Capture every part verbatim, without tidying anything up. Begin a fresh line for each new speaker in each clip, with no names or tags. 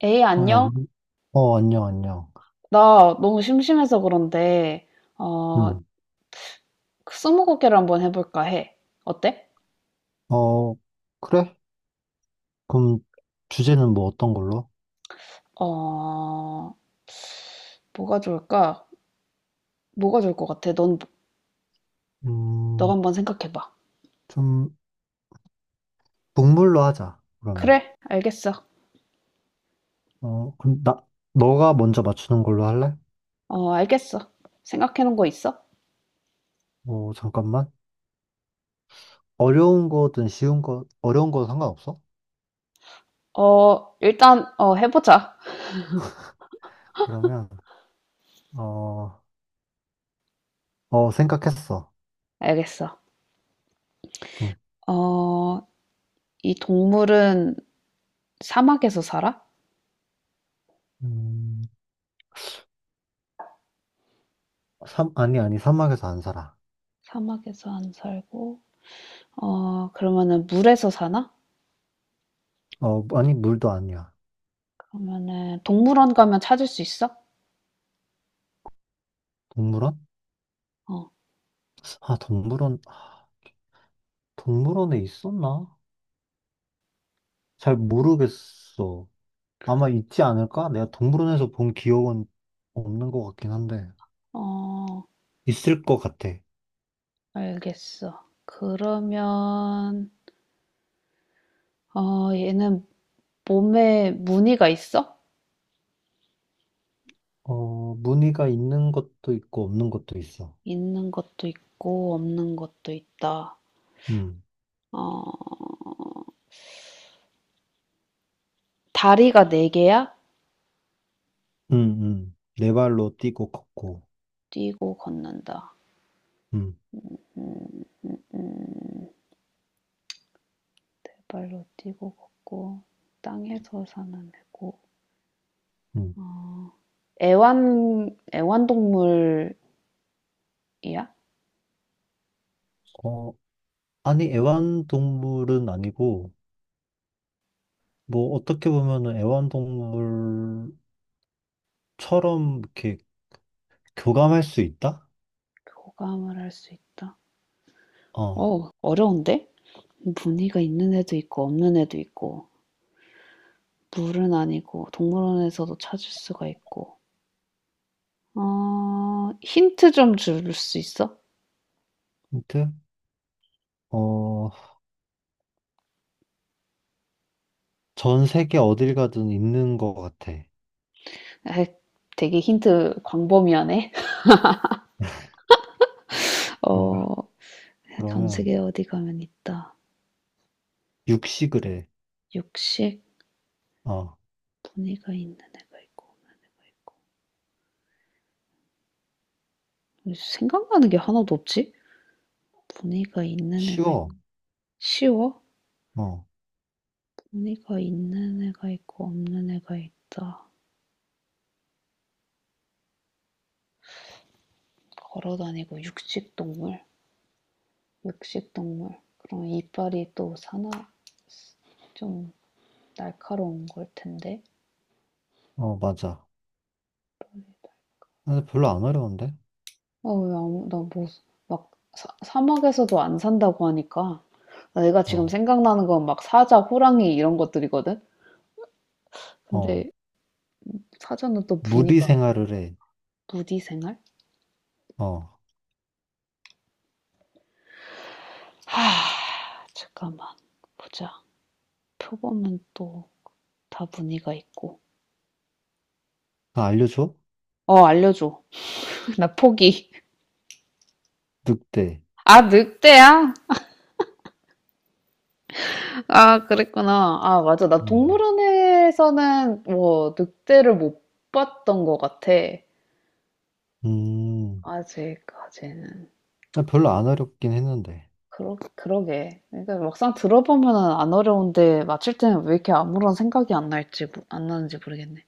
에이,
어, 야,
안녕?
우리, 어, 안녕, 안녕.
나 너무 심심해서 그런데, 어,
음,
그 스무고개를 한번 해볼까 해. 어때?
어, 그래? 그럼 주제는 뭐 어떤 걸로?
어, 뭐가 좋을까? 뭐가 좋을 것 같아? 넌, 너가
음,
한번 생각해봐.
좀, 동물로 하자, 그러면.
그래, 알겠어.
어, 그럼 나, 너가 먼저 맞추는 걸로 할래?
어, 알겠어. 생각해놓은 거 있어?
어, 잠깐만. 어려운 거든 쉬운 거, 어려운 거 상관없어?
어, 일단, 어, 해보자.
그러면, 어, 어, 생각했어.
알겠어.
음,
어, 이 동물은 사막에서 살아?
음, 삼, 아니, 아니, 사막에서 안 살아.
사막에서 안 살고, 어, 그러면은 물에서 사나?
어, 아니, 물도 아니야.
그러면은 동물원 가면 찾을 수 있어?
동물원?
어,
아, 동물원, 동물원에 있었나? 잘 모르겠어. 아마 있지 않을까? 내가 동물원에서 본 기억은 없는 것 같긴 한데,
어,
있을 것 같아.
알겠어. 그러면, 어, 얘는 몸에 무늬가 있어?
어, 무늬가 있는 것도 있고, 없는 것도 있어.
있는 것도 있고, 없는 것도 있다.
음,
어, 다리가 네 개야?
음, 음. 네 발로 뛰고 걷고,
뛰고 걷는다.
음,
음, 음, 네 발로 뛰고 걷고, 땅에서 사는 애고.
음.
애완, 애완동물이야?
어, 아니, 애완동물은 아니고, 뭐, 어떻게 보면은 애완동물처럼 이렇게 교감할 수 있다?
교감을 할 수 있다.
어,
어, 어려운데? 무늬가 있는 애도 있고, 없는 애도 있고. 물은 아니고 동물원에서도 찾을 수가 있고. 어, 힌트 좀 줄 수 있어?
힌트? 어, 전 세계 어딜 가든 있는 것 같아.
에 되게 힌트 광범위하네. 어,
그런가?
전
그러면
세계 어디 가면 있다.
육식을 해.
육식,
어,
무늬가 있는 애가 있고, 없는 애가 있고. 생각나는 게 하나도 없지? 무늬가 있는 애가
쉬워.
있고. 쉬워?
어,
무늬가 있는 애가 있고, 없는 애가 있다. 걸어 다니고, 육식 동물. 육식 동물. 그럼 이빨이 또 사나, 좀 날카로운 걸 텐데.
어, 맞아. 근데 별로 안 어려운데?
아, 왜 아무, 나 뭐, 막, 사, 사막에서도 안 산다고 하니까. 내가 지금
어,
생각나는 건 막 사자, 호랑이 이런 것들이거든?
어.
근데 사자는 또
무리
무늬가,
생활을 해.
무늬 생활?
어,
하, 잠깐만. 보자. 표범은 또 다 무늬가 있고.
나 알려줘?
어, 알려줘. 나 포기.
늑대.
아, 늑대야? 아, 그랬구나. 아, 맞아. 나
어,
동물원에서는 뭐, 늑대를 못 봤던 것 같아.
음,
아직까지는.
나 별로 안 어렵긴 했는데.
그러 그러게. 그러니까 막상 들어보면은 안 어려운데 맞힐 때는 왜 이렇게 아무런 생각이 안 날지 모- 안 나는지 모르겠네.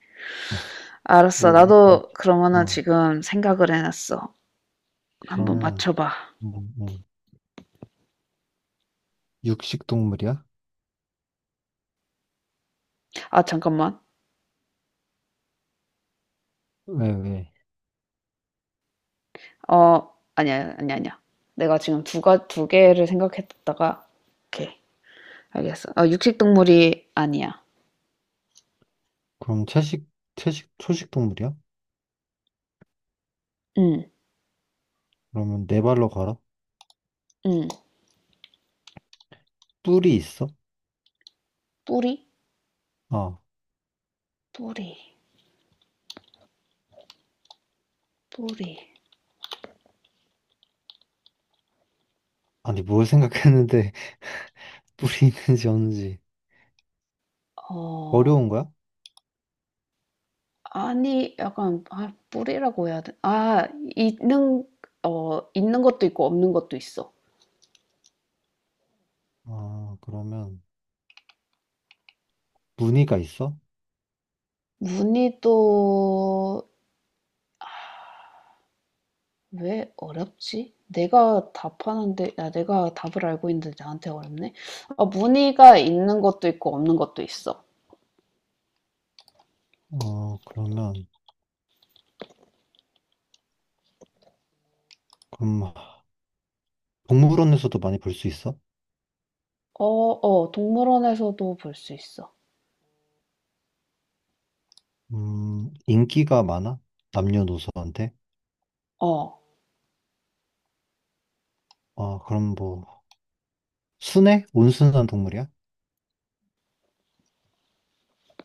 알았어.
원래
나도
그렇지.
그러면은
어,
지금 생각을 해놨어. 한번
그러면,
맞춰봐.
음, 음. 육식 동물이야?
아 잠깐만.
왜, 왜?
어 아니야 아니야 아니야. 내가 지금 두가 두 개를 생각했다가 오케이 알겠어. 아 육식 동물이 아니야.
그럼 채식, 채식, 초식 동물이야?
응
그러면 네 발로 걸어?
응.
뿔이 있어?
뿌리
어,
뿌리 뿌리.
아니, 뭘 생각했는데 뿔이 있는지 없는지.
어
어려운 거야?
아니, 약간, 아, 뿌리라고 해야 돼. 아, 있는, 어, 있는 것도 있고 없는 것도 있어.
아, 그러면 무늬가 있어?
문늬도왜 어렵지? 내가 답하는데, 야, 내가 답을 알고 있는데 나한테 어렵네? 아, 무늬가 있는 것도 있고 없는 것도 있어.
어, 그러면 그럼 동물원에서도 많이 볼 수 있어?
어, 어, 동물원에서도 볼 수 있어.
음, 인기가 많아? 남녀노소한테?
어,
어, 그럼 뭐 순해? 온순한 동물이야?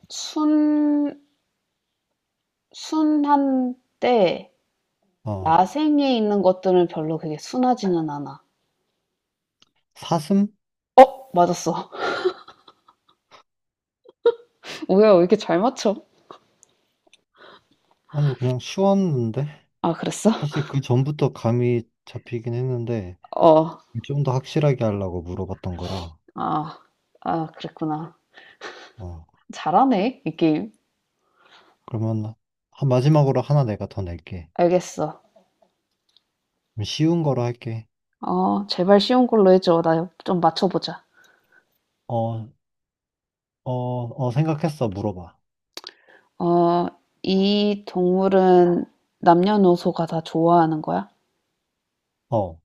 순, 순한데,
어,
야생에 있는 것들은 별로 그게 순하지는 않아.
사슴?
어, 맞았어. 뭐야, 왜 이렇게 잘 맞춰?
아니 그냥 쉬웠는데
아 그랬어?
사실 그 전부터 감이 잡히긴 했는데
어.
좀 더 확실하게 하려고 물어봤던 거라.
아. 아 그랬구나.
어,
잘하네, 이 게임.
그러면 한- 마지막으로 하나 내가 더 낼게.
알겠어.
그럼 쉬운 거로 할게.
어 제발 쉬운 걸로 해 줘. 나 좀 맞춰 보자.
어, 어, 어, 생각했어. 물어봐.
어 이 동물은 남녀노소가 다 좋아하는 거야?
어.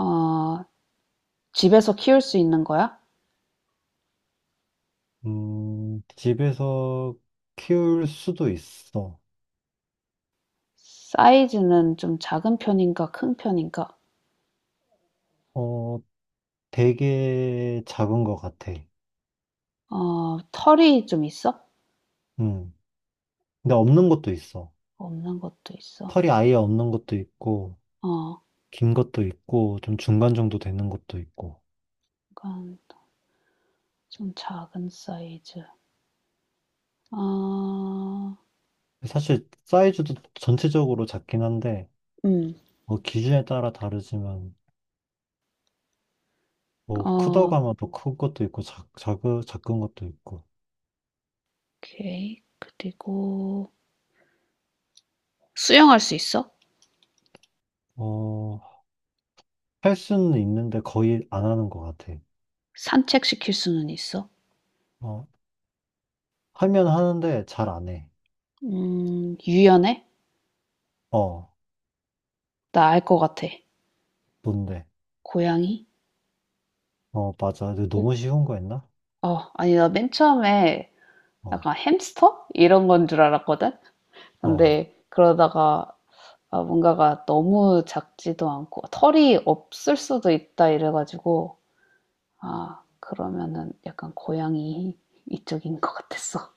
어 집에서 키울 수 있는 거야?
음, 집에서 키울 수도 있어.
사이즈는 좀 작은 편인가 큰 편인가?
어, 되게 작은 것 같아.
어 털이 좀 있어?
음, 근데 없는 것도 있어.
없는 것도 있어.
털이 아예 없는 것도 있고,
어
긴 것도 있고, 좀 중간 정도 되는 것도 있고.
약간 좀 작은 사이즈. 어
사실 사이즈도 전체적으로 작긴 한데,
음.
뭐 기준에 따라 다르지만, 뭐
어
크다고 하면 또 큰 것도 있고, 작, 작, 작은 것도 있고.
오케이. 그리고 수영할 수 있어?
어, 할 수는 있는데 거의 안 하는 것 같아.
산책시킬 수는 있어?
어, 하면 하는데 잘 안 해.
음, 유연해?
어.
나 알 것 같아.
뭔데?
고양이?
어, 맞아. 근데
어,
너무 쉬운 거였나?
어, 아니, 나 맨 처음에
어,
약간 햄스터? 이런 건 줄 알았거든?
어.
근데 그러다가 아, 뭔가가 너무 작지도 않고 털이 없을 수도 있다 이래가지고 아, 그러면은 약간 고양이 이쪽인 것 같았어.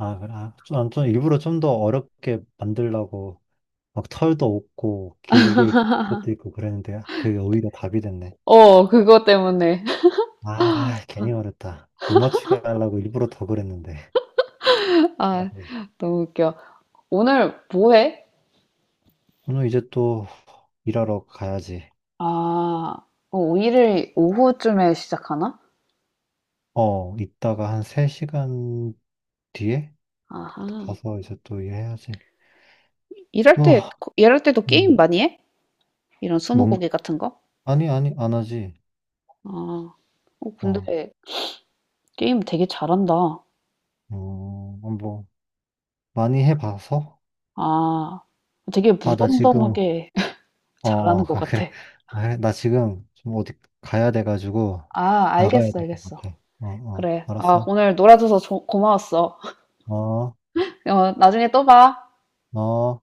아, 그래. 아, 좀, 난좀 일부러 좀 더 어렵게 만들려고 막 털도 없고 길게 입고 것도 있고 그랬는데 그게 오히려 답이 됐네.
어, 그거 때문에.
아, 괜히 어렵다. 못 맞추게 하려고 일부러 더 그랬는데. 아,
아,
네.
너무 웃겨. 오늘 뭐 해?
오늘 이제 또 일하러 가야지.
아. 어, 오 일을 오후쯤에 시작하나?
어, 이따가 한 세 시간 뒤에
아하.
가서 이제 또 일해야지.
일할 때,
뭐,
일할 때도 게임
음,
많이 해? 이런
뭔,
스무고개 같은 거?
아니, 아니, 안 하지.
아. 어, 근데
어,
게임 되게 잘한다.
어, 뭐. 많이 해봐서?
아. 되게
아, 나 응. 지금,
무덤덤하게
어,
잘하는
어,
것
아, 그래.
같아.
아, 그래. 나 지금 좀 어디 가야 돼가지고
아,
나가야
알겠어,
될 것
알겠어.
같아. 어, 어,
그래. 아,
알았어.
오늘 놀아줘서 조- 고마웠어.
어,
어, 나중에 또 봐.
어.